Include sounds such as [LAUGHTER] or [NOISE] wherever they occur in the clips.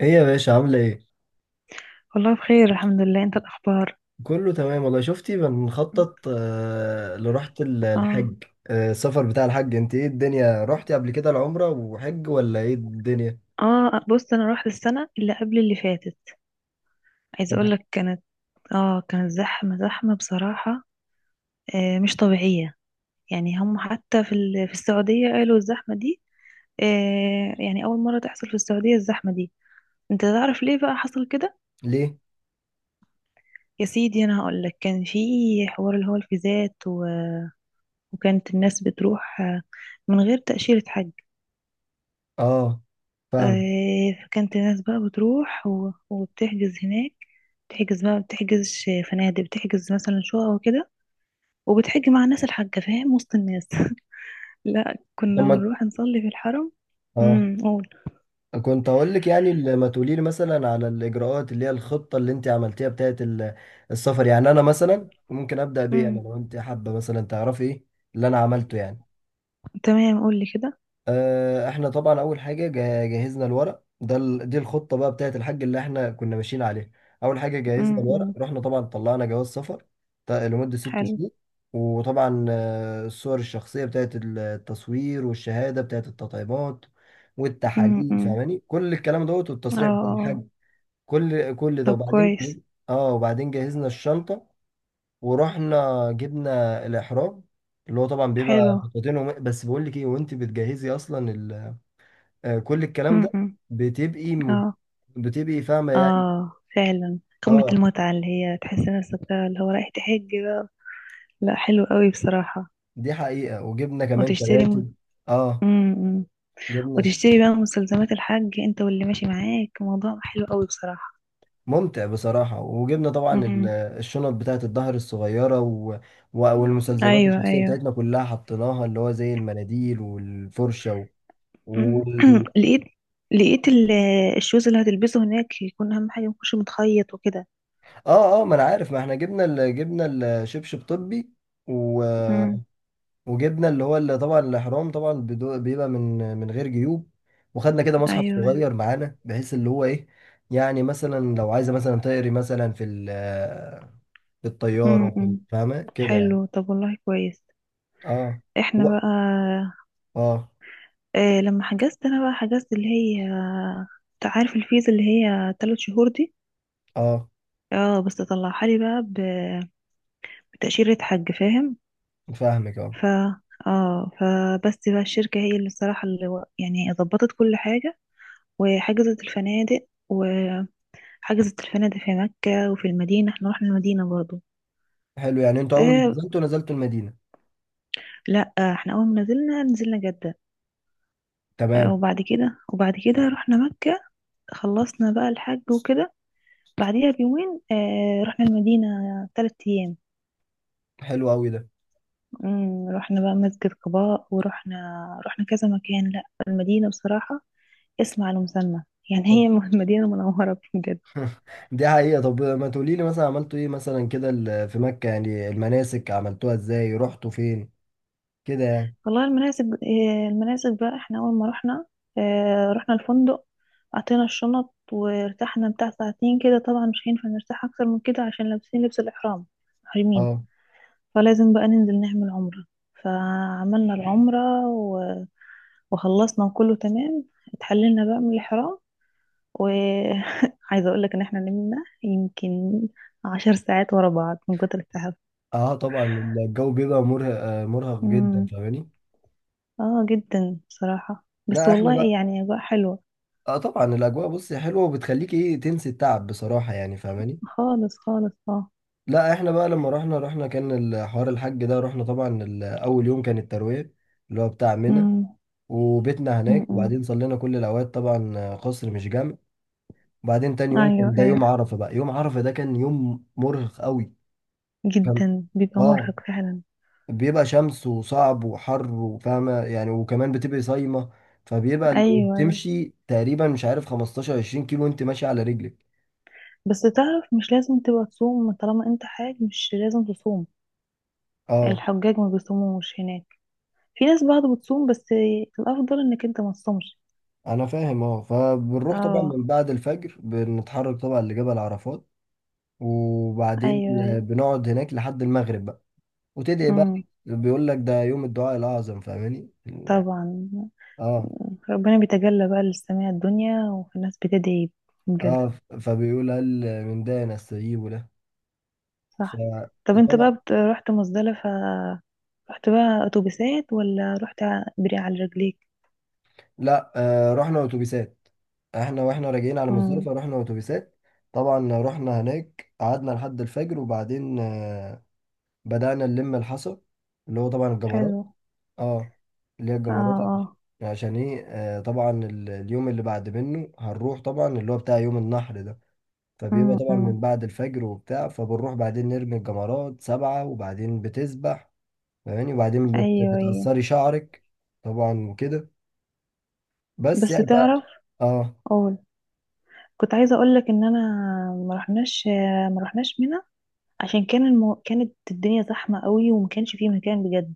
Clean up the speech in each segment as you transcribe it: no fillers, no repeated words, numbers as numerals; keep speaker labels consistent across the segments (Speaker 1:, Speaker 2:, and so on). Speaker 1: ايه يا باشا، عاملة ايه؟
Speaker 2: والله بخير، الحمد لله. انت، الاخبار؟
Speaker 1: كله تمام والله. شفتي بنخطط لرحلة
Speaker 2: اه،
Speaker 1: الحج، السفر بتاع الحج. انت ايه الدنيا، رحتي قبل كده العمرة وحج ولا ايه الدنيا؟
Speaker 2: اه. بص، انا رحت السنه اللي قبل اللي فاتت. عايزه
Speaker 1: طب،
Speaker 2: اقول لك، كانت زحمه زحمه بصراحه. آه، مش طبيعيه. يعني هم حتى في السعوديه قالوا الزحمه دي. آه، يعني اول مره تحصل في السعوديه الزحمه دي. انت تعرف ليه بقى حصل كده؟
Speaker 1: ليه؟
Speaker 2: يا سيدي، انا هقول لك. كان في حوار، اللي هو الفيزات و... وكانت الناس بتروح، من غير تاشيره حج.
Speaker 1: اه، فاهم.
Speaker 2: فكانت الناس بقى بتروح وبتحجز هناك. بتحجز بقى فنادق، بتحجز مثلا شقق وكده. وبتحج مع الناس الحاجة، فاهم، وسط الناس. [LAUGHS] لا،
Speaker 1: طب
Speaker 2: كنا
Speaker 1: ما
Speaker 2: بنروح نصلي في الحرم.
Speaker 1: اه،
Speaker 2: قول.
Speaker 1: كنت هقول لك يعني ما تقولي لي مثلا على الاجراءات اللي هي الخطة اللي انت عملتيها بتاعت السفر. يعني انا مثلا ممكن ابدأ بيه انا،
Speaker 2: امم
Speaker 1: لو انت حابة مثلا تعرفي ايه اللي انا عملته يعني.
Speaker 2: تمام. قول لي كده.
Speaker 1: احنا طبعا اول حاجه جهزنا الورق ده، دي الخطه بقى بتاعت الحاج اللي احنا كنا ماشيين عليها. اول حاجه جهزنا
Speaker 2: امم، أمم.
Speaker 1: الورق، رحنا طبعا طلعنا جواز سفر لمده ست
Speaker 2: حلو.
Speaker 1: شهور وطبعا الصور الشخصيه بتاعت التصوير، والشهاده بتاعت التطعيمات
Speaker 2: امم،
Speaker 1: والتحاليل،
Speaker 2: أمم.
Speaker 1: فاهماني، كل الكلام دوت،
Speaker 2: اه، آه.
Speaker 1: والتصريح بتاع
Speaker 2: آه.
Speaker 1: الحاج. كل ده،
Speaker 2: طب،
Speaker 1: وبعدين
Speaker 2: كويس.
Speaker 1: اه، وبعدين جهزنا الشنطه ورحنا جبنا الاحرام اللي هو طبعا بيبقى
Speaker 2: حلو.
Speaker 1: خطوتين بس بقول لك ايه، وانت بتجهزي اصلا كل الكلام
Speaker 2: امم،
Speaker 1: ده
Speaker 2: أمم.
Speaker 1: بتبقي م...
Speaker 2: اه،
Speaker 1: بتبقي فاهمة يعني.
Speaker 2: اه، فعلا قمة
Speaker 1: اه،
Speaker 2: المتعة، اللي هي تحس نفسك بقى اللي هو رايح تحج بقى. لا، حلو قوي بصراحة.
Speaker 1: دي حقيقة. وجبنا كمان
Speaker 2: وتشتري
Speaker 1: شباتي. اه،
Speaker 2: مم.
Speaker 1: جبنا ش...
Speaker 2: وتشتري بقى مستلزمات الحج انت واللي ماشي معاك. موضوع حلو قوي بصراحة.
Speaker 1: ممتع بصراحة. وجبنا طبعا
Speaker 2: امم.
Speaker 1: الشنط بتاعة الظهر الصغيرة، و... و... والمستلزمات
Speaker 2: ايوه،
Speaker 1: الشخصية
Speaker 2: ايوه.
Speaker 1: بتاعتنا كلها حطيناها، اللي هو زي المناديل والفرشة، و...
Speaker 2: مم.
Speaker 1: وال...
Speaker 2: [CLEARS THROAT] لقيت لقيت الشوز اللي هتلبسه هناك يكون اهم حاجة ميكونش متخيط وكده.
Speaker 1: اه، اه، ما انا عارف، ما احنا جبنا ال... جبنا الشبشب طبي، و...
Speaker 2: امم.
Speaker 1: وجبنا اللي هو اللي طبعا الاحرام طبعا بيبقى من غير جيوب. وخدنا كده مصحف
Speaker 2: ايوه، ايوه.
Speaker 1: صغير معانا، بحيث اللي هو ايه، يعني مثلا لو عايزه مثلا تقري مثلا في في الطياره
Speaker 2: امم،
Speaker 1: في
Speaker 2: أمم.
Speaker 1: فاهمه كده يعني.
Speaker 2: حلو. طب، والله كويس.
Speaker 1: اه،
Speaker 2: احنا
Speaker 1: هو-
Speaker 2: بقى.
Speaker 1: اه،
Speaker 2: اه، لما حجزت انا بقى، حجزت اللي هي، انت عارف الفيزا اللي هي 3 شهور دي.
Speaker 1: اه،
Speaker 2: اه، بس طلعها لي بقى بتأشيرة حج، فاهم؟
Speaker 1: فاهمك. اه،
Speaker 2: ف اه، فبس بقى الشركة هي اللي، الصراحة، اللي يعني ظبطت كل حاجة. وحجزت الفنادق، وحجزت الفنادق في مكة وفي المدينة. احنا رحنا المدينة برضو.
Speaker 1: حلو. يعني انتوا اول ما
Speaker 2: اه.
Speaker 1: نزلتوا نزلتوا المدينه؟
Speaker 2: لا، احنا اول ما نزلنا نزلنا جدة.
Speaker 1: تمام.
Speaker 2: وبعد كده رحنا مكة. خلصنا بقى الحج وكده. بعديها بيومين رحنا المدينة. 3 أيام.
Speaker 1: حلو قوي ده.
Speaker 2: مم، رحنا بقى مسجد قباء، ورحنا كذا مكان. لا، المدينة بصراحة اسم على مسمى. يعني
Speaker 1: طب.
Speaker 2: هي [LAUGHS] مدينة منورة بجد.
Speaker 1: [LAUGHS] دي حقيقه. طب، ما تقولي لي مثلا عملتوا ايه مثلا كده في مكه يعني، المناسك عملتوها ازاي، رحتوا فين كده يعني.
Speaker 2: والله المناسب بقى، احنا أول ما رحنا، رحنا الفندق. أعطينا الشنط وارتحنا بتاع ساعتين كده. طبعا مش هينفع نرتاح أكتر من كده عشان لابسين لبس الإحرام، محرمين.
Speaker 1: اه،
Speaker 2: فلازم بقى ننزل نعمل عمرة. فعملنا العمرة وخلصنا، وكله تمام. اتحللنا بقى من الإحرام. وعايزة [LAUGHS] أقولك إن احنا نمنا يمكن 10 ساعات ورا بعض من كتر
Speaker 1: اه طبعا الجو بيبقى مرهق، مرهق جدا
Speaker 2: التعب.
Speaker 1: فاهماني.
Speaker 2: اه، جدا بصراحة. بس
Speaker 1: لا احنا
Speaker 2: والله
Speaker 1: بقى،
Speaker 2: يعني أجواء حلوة.
Speaker 1: اه طبعا الاجواء بصي حلوه، وبتخليك ايه تنسي التعب بصراحه يعني فاهماني.
Speaker 2: خالص، خالص، اه.
Speaker 1: لا احنا بقى لما رحنا، رحنا كان الحوار الحج ده، رحنا طبعا اول يوم كان الترويه اللي هو بتاع منى.
Speaker 2: أمم.
Speaker 1: وبيتنا هناك. وبعدين
Speaker 2: أمم.
Speaker 1: صلينا كل الاوقات طبعا، قصر مش جامع. وبعدين تاني يوم كان
Speaker 2: أيوة،
Speaker 1: ده يوم
Speaker 2: أيوة.
Speaker 1: عرفه بقى. يوم عرفه ده كان يوم مرهق قوي. كان،
Speaker 2: جدا بيبقى
Speaker 1: اه،
Speaker 2: مرهق فعلا.
Speaker 1: بيبقى شمس وصعب وحر، وفاهمة يعني، وكمان بتبقي صايمة. فبيبقى
Speaker 2: أيوة، أيوة.
Speaker 1: وبتمشي تقريبا مش عارف 15 20 كيلو وانت ماشي على رجلك.
Speaker 2: بس تعرف، مش لازم تبقى تصوم. طالما أنت حاج، مش لازم تصوم.
Speaker 1: اه،
Speaker 2: الحجاج ما بيصوموش هناك. في ناس بعض بتصوم، بس الأفضل إنك أنت ما تصومش.
Speaker 1: انا فاهم. اه، فبنروح طبعا
Speaker 2: اه.
Speaker 1: من بعد الفجر، بنتحرك طبعا لجبل عرفات. وبعدين
Speaker 2: أيوة، أيوة.
Speaker 1: بنقعد هناك لحد المغرب بقى، وتدعي بقى.
Speaker 2: أمم.
Speaker 1: بيقول لك ده يوم الدعاء الاعظم فاهماني يعني.
Speaker 2: طبعا.
Speaker 1: اه،
Speaker 2: ربنا بيتجلى بقى للسماء الدنيا، والناس بتدعي بجد.
Speaker 1: اه، فبيقول هل من ده نستجيب له.
Speaker 2: صح. طب، انت
Speaker 1: فطبعا،
Speaker 2: بقى رحت مزدلفة؟ رحت بقى اتوبيسات ولا رحت بري على رجليك؟
Speaker 1: لا آه رحنا اتوبيسات. احنا واحنا راجعين على
Speaker 2: امم.
Speaker 1: مزدلفة رحنا اتوبيسات. طبعا رحنا هناك، قعدنا لحد الفجر، وبعدين آه، بدأنا نلم الحصى، اللي هو طبعا الجمرات.
Speaker 2: حلو.
Speaker 1: اه، اللي هي
Speaker 2: اه،
Speaker 1: الجمرات
Speaker 2: اه.
Speaker 1: عشان ايه، آه طبعا اليوم اللي بعد منه هنروح طبعا اللي هو بتاع يوم النحر ده. فبيبقى
Speaker 2: امم،
Speaker 1: طبعا
Speaker 2: أمم.
Speaker 1: من بعد الفجر وبتاع، فبنروح بعدين نرمي الجمرات 7، وبعدين بتسبح فاهماني. وبعدين
Speaker 2: ايوه، ايوه.
Speaker 1: بتقصري شعرك طبعا كده. بس
Speaker 2: بس
Speaker 1: يعني ف...
Speaker 2: تعرف.
Speaker 1: اه،
Speaker 2: قول. كنت عايزه اقول لك ان انا ما رحناش. ما رحناش منى. عشان كان كانت الدنيا زحمه قوي، وما كانش فيه مكان بجد.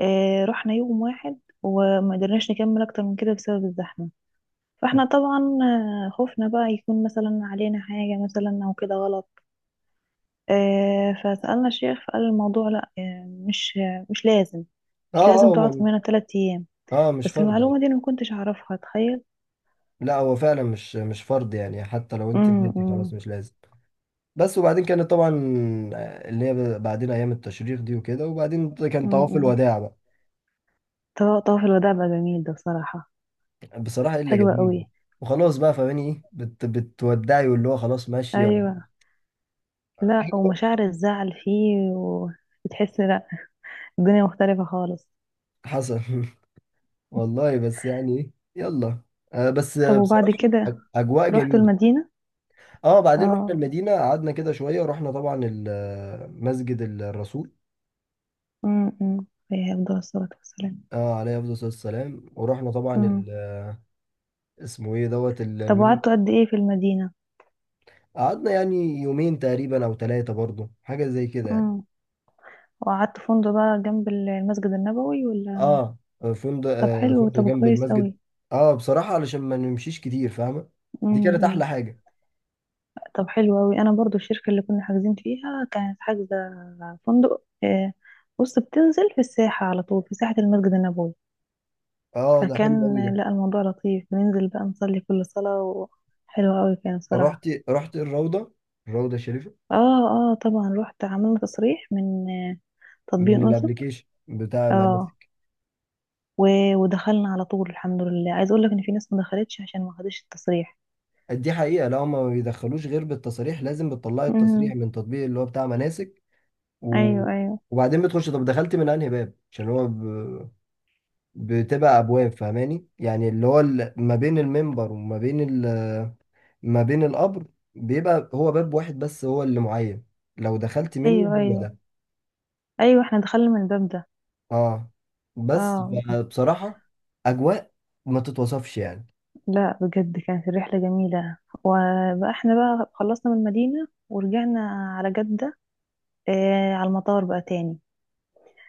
Speaker 2: آه، رحنا يوم واحد وما قدرناش نكمل اكتر من كده بسبب الزحمه. فاحنا طبعا، خفنا بقى يكون مثلا علينا حاجه، مثلا او كده غلط. فسألنا الشيخ فقال الموضوع، لا، مش. مش لازم.
Speaker 1: اه،
Speaker 2: مش لازم
Speaker 1: اه، هو
Speaker 2: تقعد في منى 3 أيام.
Speaker 1: اه مش
Speaker 2: بس
Speaker 1: فرض.
Speaker 2: المعلومة دي أنا ما كنتش أعرفها، تخيل.
Speaker 1: لا هو فعلا مش فرض يعني، حتى لو انت
Speaker 2: امم،
Speaker 1: نادي خلاص
Speaker 2: امم.
Speaker 1: مش لازم. بس وبعدين كانت طبعا اللي هي بعدين ايام التشريق دي وكده، وبعدين كان طواف
Speaker 2: امم.
Speaker 1: الوداع بقى.
Speaker 2: طواف الوداع بقى جميل ده بصراحة.
Speaker 1: بصراحه الا
Speaker 2: حلوة
Speaker 1: جميل.
Speaker 2: قوي.
Speaker 1: وخلاص بقى فاهماني ايه، بت بتودعي واللي هو خلاص ماشيه. و...
Speaker 2: ايوه. لا، ومشاعر الزعل فيه وبتحس. لا، الدنيا مختلفة خالص.
Speaker 1: حصل. [LAUGHS] والله بس يعني ايه. يلا. آه بس
Speaker 2: طب، وبعد
Speaker 1: بصراحه،
Speaker 2: كده
Speaker 1: اجواء
Speaker 2: رحتوا
Speaker 1: جميله.
Speaker 2: المدينة؟
Speaker 1: اه، بعدين رحنا
Speaker 2: اه.
Speaker 1: المدينه، قعدنا كده شويه، ورحنا طبعا مسجد الرسول.
Speaker 2: امم. عليه أفضل الصلاة والسلام.
Speaker 1: اه، عليه افضل الصلاه والسلام. ورحنا طبعا
Speaker 2: امم.
Speaker 1: اسمه ايه دوت
Speaker 2: طب،
Speaker 1: المنبر.
Speaker 2: وقعدتوا قد إيه في المدينة؟
Speaker 1: قعدنا يعني يومين تقريبا او 3 برضه، حاجه زي كده يعني.
Speaker 2: وقعدت في فندق بقى جنب المسجد النبوي، ولا؟
Speaker 1: اه، فندق،
Speaker 2: طب،
Speaker 1: آه
Speaker 2: حلو.
Speaker 1: فندق
Speaker 2: طب،
Speaker 1: جنب
Speaker 2: كويس
Speaker 1: المسجد.
Speaker 2: قوي.
Speaker 1: اه، بصراحه علشان ما نمشيش كتير فاهمه. دي كانت
Speaker 2: امم.
Speaker 1: احلى حاجه.
Speaker 2: طب، حلو قوي. انا برضو الشركه اللي كنا حاجزين فيها كانت حاجزه فندق، بص، بتنزل في الساحه على طول، في ساحه المسجد النبوي.
Speaker 1: اه، ده حلو
Speaker 2: فكان،
Speaker 1: قوي ده.
Speaker 2: لا الموضوع لطيف، بننزل بقى نصلي كل صلاه حلوه قوي كان، صراحه.
Speaker 1: رحت رحت الروضه، الروضه الشريفه.
Speaker 2: اه. اه، طبعا رحت، عملنا تصريح من تطبيق
Speaker 1: من
Speaker 2: نسك.
Speaker 1: الابليكيشن بتاع
Speaker 2: اه.
Speaker 1: مناسك.
Speaker 2: ودخلنا على طول، الحمد لله. عايز اقول لك ان في ناس ما دخلتش عشان ما خدتش التصريح.
Speaker 1: دي حقيقه. لا هما ما بيدخلوش غير بالتصاريح. لازم بتطلعي التصريح
Speaker 2: مم.
Speaker 1: من تطبيق اللي هو بتاع مناسك. و...
Speaker 2: ايوه، ايوه.
Speaker 1: وبعدين بتخش، طب دخلت من انهي باب، عشان هو بتبقى ابواب فاهماني يعني، اللي هو ما بين المنبر وما بين ما بين القبر، بيبقى هو باب واحد بس هو اللي معين. لو دخلت منه
Speaker 2: ايوه،
Speaker 1: هو
Speaker 2: ايوه.
Speaker 1: ده.
Speaker 2: ايوه، احنا دخلنا من الباب ده.
Speaker 1: اه، بس
Speaker 2: اه.
Speaker 1: بصراحة اجواء ما تتوصفش يعني.
Speaker 2: لا، بجد كانت الرحله جميله. وبقى احنا بقى خلصنا من المدينه ورجعنا على جده، على المطار بقى تاني.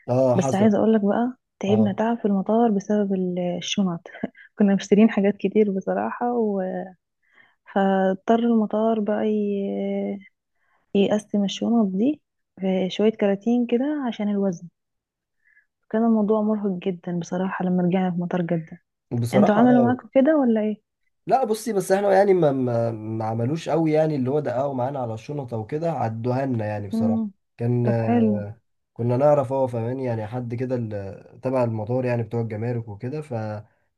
Speaker 1: اه،
Speaker 2: بس
Speaker 1: حصل.
Speaker 2: عايزه اقول لك بقى، تعبنا
Speaker 1: اه
Speaker 2: تعب في المطار بسبب الشنط. [LAUGHS] كنا مشترين حاجات كتير بصراحه، و... فاضطر المطار بقى يقسم الشنط دي في شويه كراتين كده عشان الوزن. كان الموضوع مرهق جدا بصراحه لما رجعنا في مطار جده. انتوا
Speaker 1: بصراحة.
Speaker 2: عملوا
Speaker 1: اه،
Speaker 2: معاكم كده ولا ايه؟
Speaker 1: لا بصي، بس احنا يعني ما عملوش قوي يعني، اللي هو دققوا معانا على الشنطة وكده، عدوها لنا يعني بصراحة.
Speaker 2: مم.
Speaker 1: كان
Speaker 2: طب، حلو.
Speaker 1: كنا نعرف، هو فاهمين يعني، حد كده تبع المطار يعني، بتوع الجمارك وكده، ف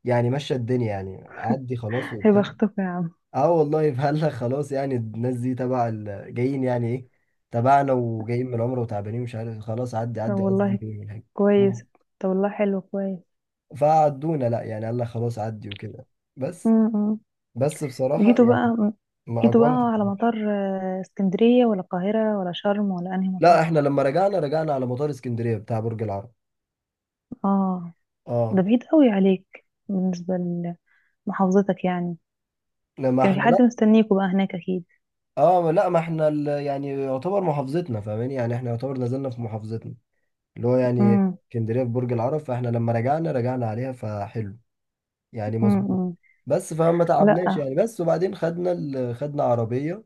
Speaker 1: يعني مشى الدنيا يعني، عدي خلاص
Speaker 2: هيبقى
Speaker 1: وبتاع.
Speaker 2: اختكم يا عم.
Speaker 1: اه، والله فهلا خلاص يعني، الناس دي تبع جايين يعني ايه، تبعنا وجايين من العمرة وتعبانين مش عارف، خلاص عدي
Speaker 2: طب،
Speaker 1: عدي عدي
Speaker 2: والله
Speaker 1: كده من حاجة.
Speaker 2: كويس. طب، والله حلو، كويس.
Speaker 1: فعدونا، لا يعني قال لك خلاص عدي وكده. بس،
Speaker 2: مم.
Speaker 1: بصراحة
Speaker 2: جيتوا
Speaker 1: يعني،
Speaker 2: بقى.
Speaker 1: ما
Speaker 2: جيتوا
Speaker 1: أجرمت.
Speaker 2: بقى على مطار، اسكندرية ولا القاهرة ولا شرم ولا انهي
Speaker 1: لا
Speaker 2: مطار؟
Speaker 1: احنا لما رجعنا، رجعنا على مطار اسكندرية بتاع برج العرب.
Speaker 2: اه، ده
Speaker 1: اه،
Speaker 2: بعيد قوي عليك بالنسبة لمحافظتك يعني.
Speaker 1: لما
Speaker 2: كان
Speaker 1: احنا
Speaker 2: في
Speaker 1: لا،
Speaker 2: حد مستنيكوا بقى هناك، اكيد؟
Speaker 1: اه، لا ما احنا يعني يعتبر محافظتنا فاهماني يعني، احنا يعتبر نزلنا في محافظتنا اللي هو يعني
Speaker 2: مم.
Speaker 1: اسكندرية في برج العرب، فاحنا لما رجعنا رجعنا عليها فحلو يعني مظبوط.
Speaker 2: مم.
Speaker 1: بس فما تعبناش
Speaker 2: لا،
Speaker 1: يعني، بس وبعدين خدنا ال... خدنا عربية،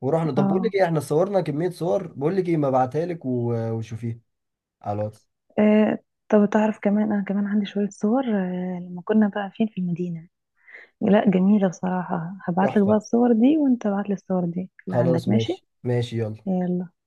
Speaker 1: ورحنا. طب بقول
Speaker 2: اه،
Speaker 1: لك ايه، احنا صورنا كمية صور، بقول لك ايه، ما ابعتها لك و... وشوفيها على الواتس.
Speaker 2: آه، طب تعرف، كمان انا كمان عندي شوية صور، لما كنا بقى فين في المدينة. لا، جميلة بصراحة. هبعتلك بقى
Speaker 1: تحفة.
Speaker 2: الصور دي وانت ابعتلي الصور دي اللي
Speaker 1: خلاص
Speaker 2: عندك، ماشي؟
Speaker 1: ماشي ماشي، يلا.
Speaker 2: يلا.